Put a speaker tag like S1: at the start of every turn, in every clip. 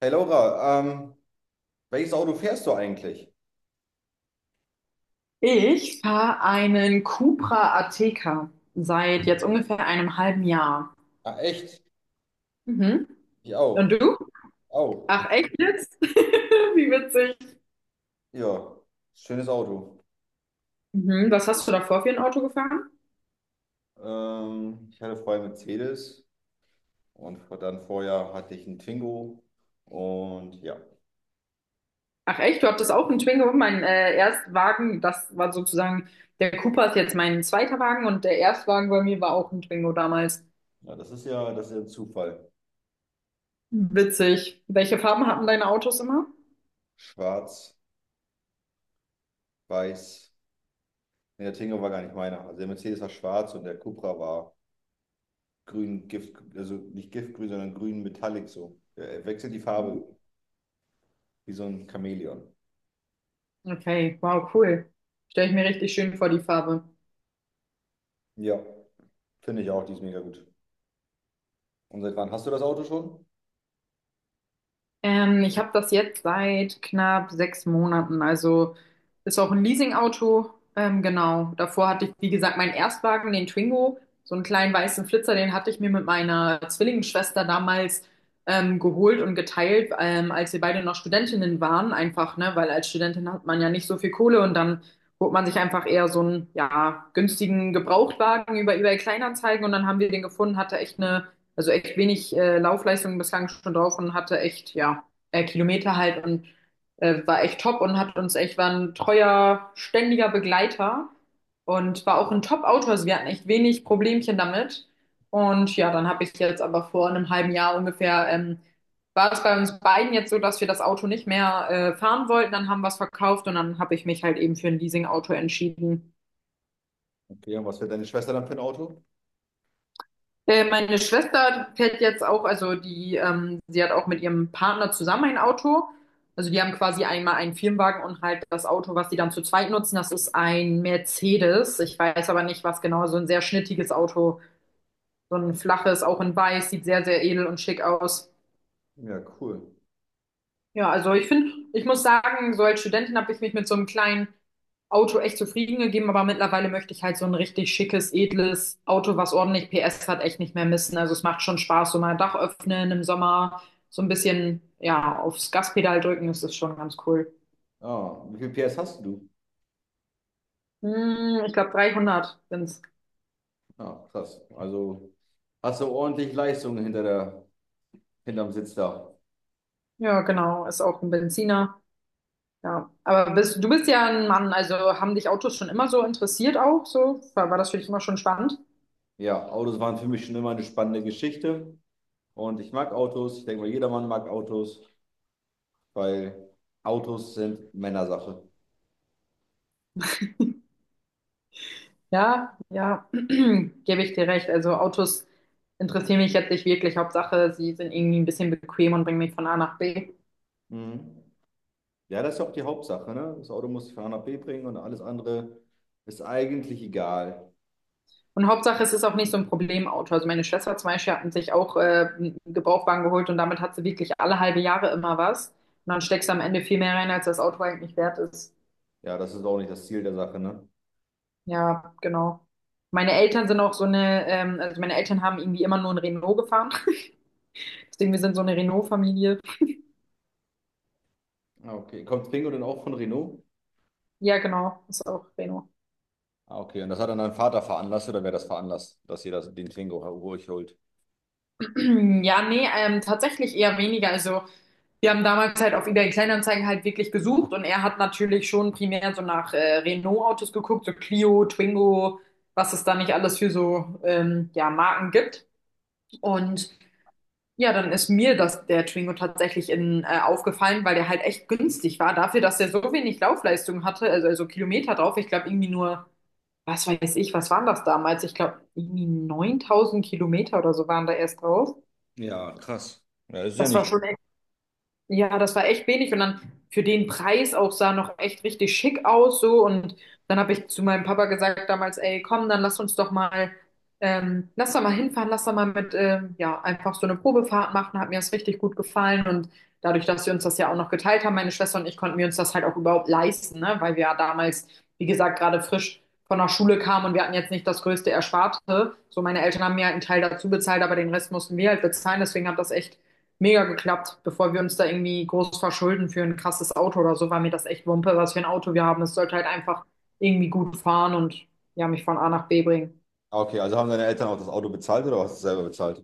S1: Hey Laura, welches Auto fährst du eigentlich?
S2: Ich fahre einen Cupra Ateca seit jetzt ungefähr einem halben Jahr.
S1: Ah, echt?
S2: Mhm.
S1: Ich
S2: Und
S1: auch.
S2: du?
S1: Auch.
S2: Ach echt jetzt? Wie witzig.
S1: Ja, schönes Auto.
S2: Mhm. Was hast du davor für ein Auto gefahren?
S1: Ich hatte vorher einen Mercedes und dann vorher hatte ich einen Twingo. Und ja,
S2: Ach echt, du hattest auch einen Twingo. Mein Erstwagen, das war sozusagen, der Cupra ist jetzt mein zweiter Wagen und der Erstwagen bei mir war auch ein Twingo damals.
S1: ja, das ist ja ein Zufall.
S2: Witzig. Welche Farben hatten deine Autos immer?
S1: Schwarz, weiß. Nee, der Twingo war gar nicht meiner. Also der Mercedes war schwarz und der Cupra war grün, Gift, also nicht giftgrün, sondern grün Metallic so. Er wechselt die
S2: Mhm.
S1: Farbe wie so ein Chamäleon.
S2: Okay, wow, cool. Stelle ich mir richtig schön vor, die Farbe.
S1: Ja, finde ich auch, die ist mega gut. Und seit wann hast du das Auto schon?
S2: Ich habe das jetzt seit knapp 6 Monaten. Also ist auch ein Leasingauto. Genau. Davor hatte ich, wie gesagt, meinen Erstwagen, den Twingo, so einen kleinen weißen Flitzer, den hatte ich mir mit meiner Zwillingsschwester damals geholt und geteilt, als wir beide noch Studentinnen waren. Einfach, ne, weil als Studentin hat man ja nicht so viel Kohle, und dann holt man sich einfach eher so einen, ja, günstigen Gebrauchtwagen über eBay Kleinanzeigen, und dann haben wir den gefunden, hatte echt eine, also echt wenig Laufleistung bislang schon drauf, und hatte echt, ja, Kilometer halt und war echt top und hat uns echt, war ein treuer, ständiger Begleiter und war auch ein Top-Autor. Also wir hatten echt wenig Problemchen damit. Und ja, dann habe ich jetzt aber vor einem halben Jahr ungefähr, war es bei uns beiden jetzt so, dass wir das Auto nicht mehr fahren wollten. Dann haben wir es verkauft, und dann habe ich mich halt eben für ein Leasing-Auto entschieden.
S1: Okay, und was fährt deine Schwester dann für ein Auto?
S2: Meine Schwester fährt jetzt auch, also die, sie hat auch mit ihrem Partner zusammen ein Auto. Also die haben quasi einmal einen Firmenwagen und halt das Auto, was sie dann zu zweit nutzen, das ist ein Mercedes. Ich weiß aber nicht, was genau, so ein sehr schnittiges Auto, so ein flaches, auch in weiß, sieht sehr, sehr edel und schick aus.
S1: Ja, cool.
S2: Ja, also ich finde, ich muss sagen, so als Studentin habe ich mich mit so einem kleinen Auto echt zufrieden gegeben, aber mittlerweile möchte ich halt so ein richtig schickes, edles Auto, was ordentlich PS hat, echt nicht mehr missen. Also es macht schon Spaß, so mal Dach öffnen im Sommer, so ein bisschen, ja, aufs Gaspedal drücken, das ist schon ganz cool.
S1: Ah, wie viel PS hast du?
S2: Hm, ich glaube 300 sind's.
S1: Ah, krass. Also hast du ordentlich Leistung hinter hinterm Sitz da.
S2: Ja, genau, ist auch ein Benziner. Ja, aber du bist ja ein Mann, also haben dich Autos schon immer so interessiert auch so? War das für dich immer schon spannend?
S1: Ja, Autos waren für mich schon immer eine spannende Geschichte. Und ich mag Autos. Ich denke mal, jedermann mag Autos, weil Autos sind Männersache.
S2: Ja, ja, gebe ich dir recht. Also Autos interessieren mich jetzt nicht wirklich. Hauptsache, sie sind irgendwie ein bisschen bequem und bringen mich von A nach B.
S1: Mhm. Ja, das ist ja auch die Hauptsache, ne? Das Auto muss ich von A nach B bringen und alles andere ist eigentlich egal.
S2: Und Hauptsache, es ist auch nicht so ein Problemauto. Also meine Schwester zum Beispiel hat sich auch einen Gebrauchtwagen geholt, und damit hat sie wirklich alle halbe Jahre immer was. Und dann steckst du am Ende viel mehr rein, als das Auto eigentlich wert ist.
S1: Ja, das ist auch nicht das Ziel der Sache, ne?
S2: Ja, genau. Meine Eltern sind auch so eine, also meine Eltern haben irgendwie immer nur ein Renault gefahren. Deswegen, wir sind so eine Renault-Familie.
S1: Ah, okay. Kommt Twingo denn auch von Renault?
S2: Ja, genau, ist auch Renault.
S1: Ah, okay. Und das hat dann dein Vater veranlasst oder wer das veranlasst, dass den Klingo ruhig holt?
S2: Ja, nee, tatsächlich eher weniger. Also, wir haben damals halt auf eBay Kleinanzeigen halt wirklich gesucht, und er hat natürlich schon primär so nach Renault-Autos geguckt, so Clio, Twingo, was es da nicht alles für so ja, Marken gibt. Und ja, dann ist mir das, der Twingo tatsächlich aufgefallen, weil der halt echt günstig war dafür, dass der so wenig Laufleistung hatte, also Kilometer drauf. Ich glaube, irgendwie nur, was weiß ich, was waren das damals? Ich glaube, irgendwie 9000 Kilometer oder so waren da erst drauf.
S1: Ja, krass. Ja, das ist ja
S2: Das war
S1: nicht.
S2: schon, ja, das war echt wenig, und dann für den Preis auch sah noch echt richtig schick aus so, und dann habe ich zu meinem Papa gesagt damals, ey, komm, dann lass uns doch mal, lass da mal hinfahren, lass da mal mit, ja, einfach so eine Probefahrt machen, hat mir das richtig gut gefallen, und dadurch, dass wir uns das ja auch noch geteilt haben, meine Schwester und ich, konnten wir uns das halt auch überhaupt leisten, ne, weil wir ja damals, wie gesagt, gerade frisch von der Schule kamen und wir hatten jetzt nicht das größte Ersparte, so meine Eltern haben mir halt einen Teil dazu bezahlt, aber den Rest mussten wir halt bezahlen, deswegen hat das echt mega geklappt. Bevor wir uns da irgendwie groß verschulden für ein krasses Auto oder so, war mir das echt Wumpe, was für ein Auto wir haben. Es sollte halt einfach irgendwie gut fahren und ja, mich von A nach B bringen.
S1: Ah, okay, also haben deine Eltern auch das Auto bezahlt oder hast du es selber bezahlt?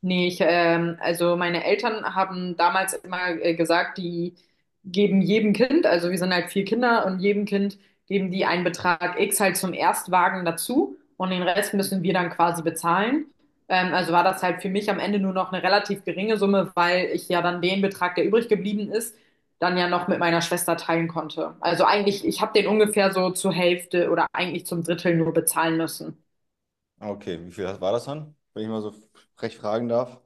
S2: Nee, also meine Eltern haben damals immer gesagt, die geben jedem Kind, also wir sind halt vier Kinder, und jedem Kind geben die einen Betrag X halt zum Erstwagen dazu, und den Rest müssen wir dann quasi bezahlen. Also war das halt für mich am Ende nur noch eine relativ geringe Summe, weil ich ja dann den Betrag, der übrig geblieben ist, dann ja noch mit meiner Schwester teilen konnte. Also eigentlich, ich habe den ungefähr so zur Hälfte oder eigentlich zum Drittel nur bezahlen müssen.
S1: Ah, okay, wie viel war das dann, wenn ich mal so frech fragen darf?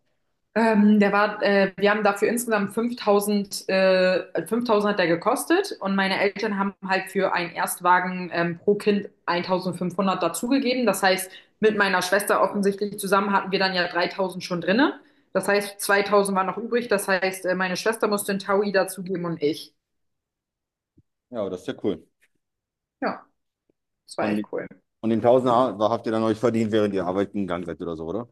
S2: Wir haben dafür insgesamt 5000. 5000 hat der gekostet, und meine Eltern haben halt für einen Erstwagen pro Kind 1500 dazugegeben. Das heißt, mit meiner Schwester offensichtlich zusammen hatten wir dann ja 3000 schon drinne. Das heißt, 2000 war noch übrig. Das heißt, meine Schwester musste einen Taui dazugeben, und ich.
S1: Ja, aber das ist ja cool.
S2: Ja, das war echt
S1: Und,
S2: cool.
S1: und den Tausender habt ihr dann euch verdient, während ihr arbeiten gegangen seid oder so, oder?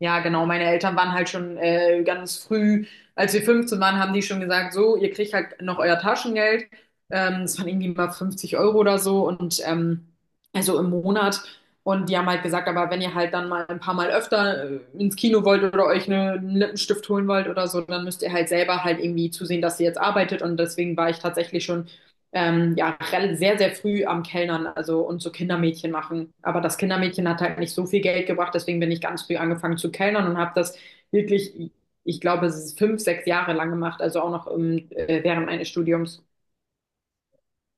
S2: Ja, genau. Meine Eltern waren halt schon ganz früh, als wir 15 waren, haben die schon gesagt, so, ihr kriegt halt noch euer Taschengeld. Das waren irgendwie mal 50 € oder so, und also im Monat. Und die haben halt gesagt, aber wenn ihr halt dann mal ein paar Mal öfter ins Kino wollt oder einen Lippenstift holen wollt oder so, dann müsst ihr halt selber halt irgendwie zusehen, dass ihr jetzt arbeitet. Und deswegen war ich tatsächlich schon ja, sehr, sehr früh am Kellnern, also und so Kindermädchen machen. Aber das Kindermädchen hat halt nicht so viel Geld gebracht, deswegen bin ich ganz früh angefangen zu kellnern und habe das wirklich, ich glaube, es ist 5, 6 Jahre lang gemacht, also auch noch im, während meines Studiums.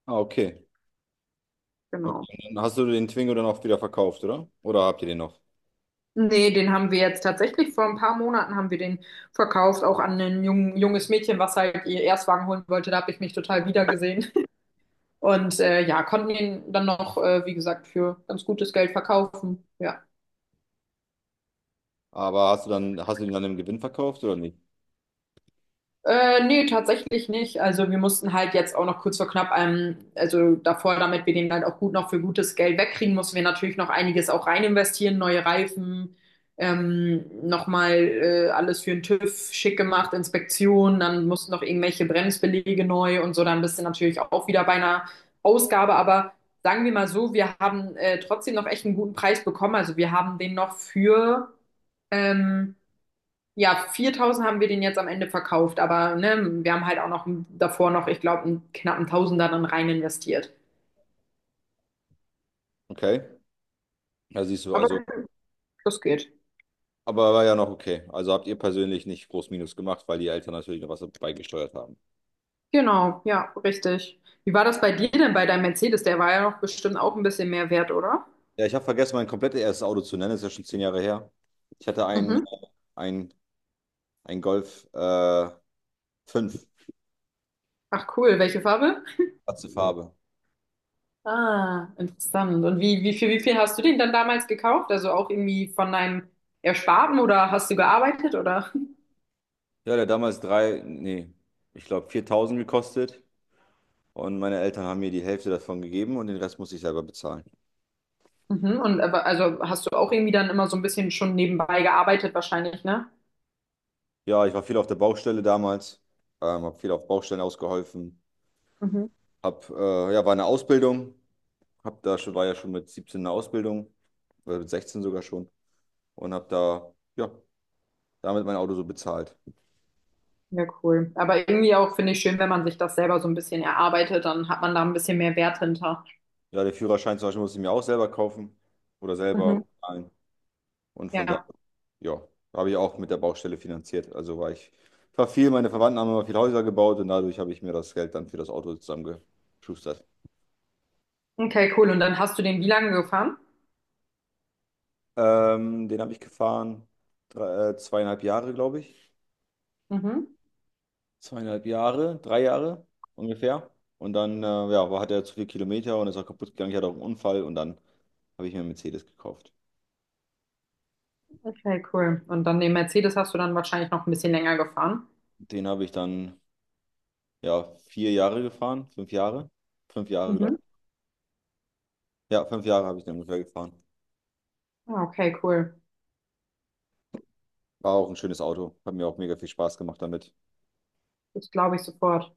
S1: Ah, okay.
S2: Genau.
S1: Okay, und dann hast du den Twingo dann auch wieder verkauft, oder? Oder habt ihr den noch?
S2: Nee, den haben wir jetzt tatsächlich vor ein paar Monaten haben wir den verkauft, auch an ein junges Mädchen, was halt ihr Erstwagen holen wollte. Da habe ich mich total wiedergesehen. Und ja, konnten ihn dann noch, wie gesagt, für ganz gutes Geld verkaufen. Ja.
S1: Aber hast du den dann im Gewinn verkauft oder nicht?
S2: Nee, tatsächlich nicht. Also wir mussten halt jetzt auch noch kurz vor knapp, also davor, damit wir den halt auch gut noch für gutes Geld wegkriegen, mussten wir natürlich noch einiges auch rein investieren, neue Reifen, nochmal alles für den TÜV schick gemacht, Inspektion, dann mussten noch irgendwelche Bremsbeläge neu und so, dann bist du natürlich auch wieder bei einer Ausgabe, aber sagen wir mal so, wir haben trotzdem noch echt einen guten Preis bekommen. Also wir haben den noch für ähm, ja, 4000 haben wir den jetzt am Ende verkauft, aber ne, wir haben halt auch noch davor noch, ich glaube, einen knappen Tausender dann rein investiert.
S1: Okay. Ja, siehst du,
S2: Aber
S1: also
S2: das geht.
S1: aber war ja noch okay. Also habt ihr persönlich nicht groß Minus gemacht, weil die Eltern natürlich noch was beigesteuert haben.
S2: Genau, ja, richtig. Wie war das bei dir denn bei deinem Mercedes? Der war ja noch bestimmt auch ein bisschen mehr wert, oder?
S1: Ja, ich habe vergessen, mein komplettes erstes Auto zu nennen. Das ist ja schon zehn Jahre her. Ich hatte einen,
S2: Mhm.
S1: ein, ein Golf 5,
S2: Ach cool, welche Farbe?
S1: schwarze Farbe.
S2: Ah, interessant. Und wie viel hast du den dann damals gekauft? Also auch irgendwie von deinem Ersparten oder hast du gearbeitet oder?
S1: Ja, der hat damals ich glaube 4000 gekostet. Und meine Eltern haben mir die Hälfte davon gegeben und den Rest musste ich selber bezahlen.
S2: Mhm. Also hast du auch irgendwie dann immer so ein bisschen schon nebenbei gearbeitet wahrscheinlich, ne?
S1: Ja, ich war viel auf der Baustelle damals, habe viel auf Baustellen ausgeholfen. War eine Ausbildung. War ja schon mit 17 in der Ausbildung, oder mit 16 sogar schon, und hab da, ja, damit mein Auto so bezahlt.
S2: Ja, cool. Aber irgendwie auch finde ich schön, wenn man sich das selber so ein bisschen erarbeitet, dann hat man da ein bisschen mehr Wert hinter.
S1: Ja, der Führerschein zum Beispiel musste ich mir auch selber kaufen oder selber
S2: Mhm.
S1: bezahlen. Und von da,
S2: Ja.
S1: ja, habe ich auch mit der Baustelle finanziert. Ich war viel, meine Verwandten haben immer viel Häuser gebaut und dadurch habe ich mir das Geld dann für das Auto zusammengeschustert.
S2: Okay, cool. Und dann hast du den wie lange gefahren?
S1: Den habe ich gefahren, zweieinhalb Jahre, glaube ich.
S2: Mhm.
S1: Zweieinhalb Jahre, drei Jahre ungefähr. Und dann, ja, hat er zu viel Kilometer und ist auch kaputt gegangen. Ich hatte auch einen Unfall und dann habe ich mir einen Mercedes gekauft.
S2: Okay, cool. Und dann den Mercedes hast du dann wahrscheinlich noch ein bisschen länger gefahren.
S1: Den habe ich dann, ja, vier Jahre gefahren, fünf Jahre. Fünf Jahre, glaube
S2: Mhm.
S1: ich. Ja, fünf Jahre habe ich den ungefähr gefahren.
S2: Ah, Okay, cool.
S1: War auch ein schönes Auto. Hat mir auch mega viel Spaß gemacht damit.
S2: Das glaube ich sofort.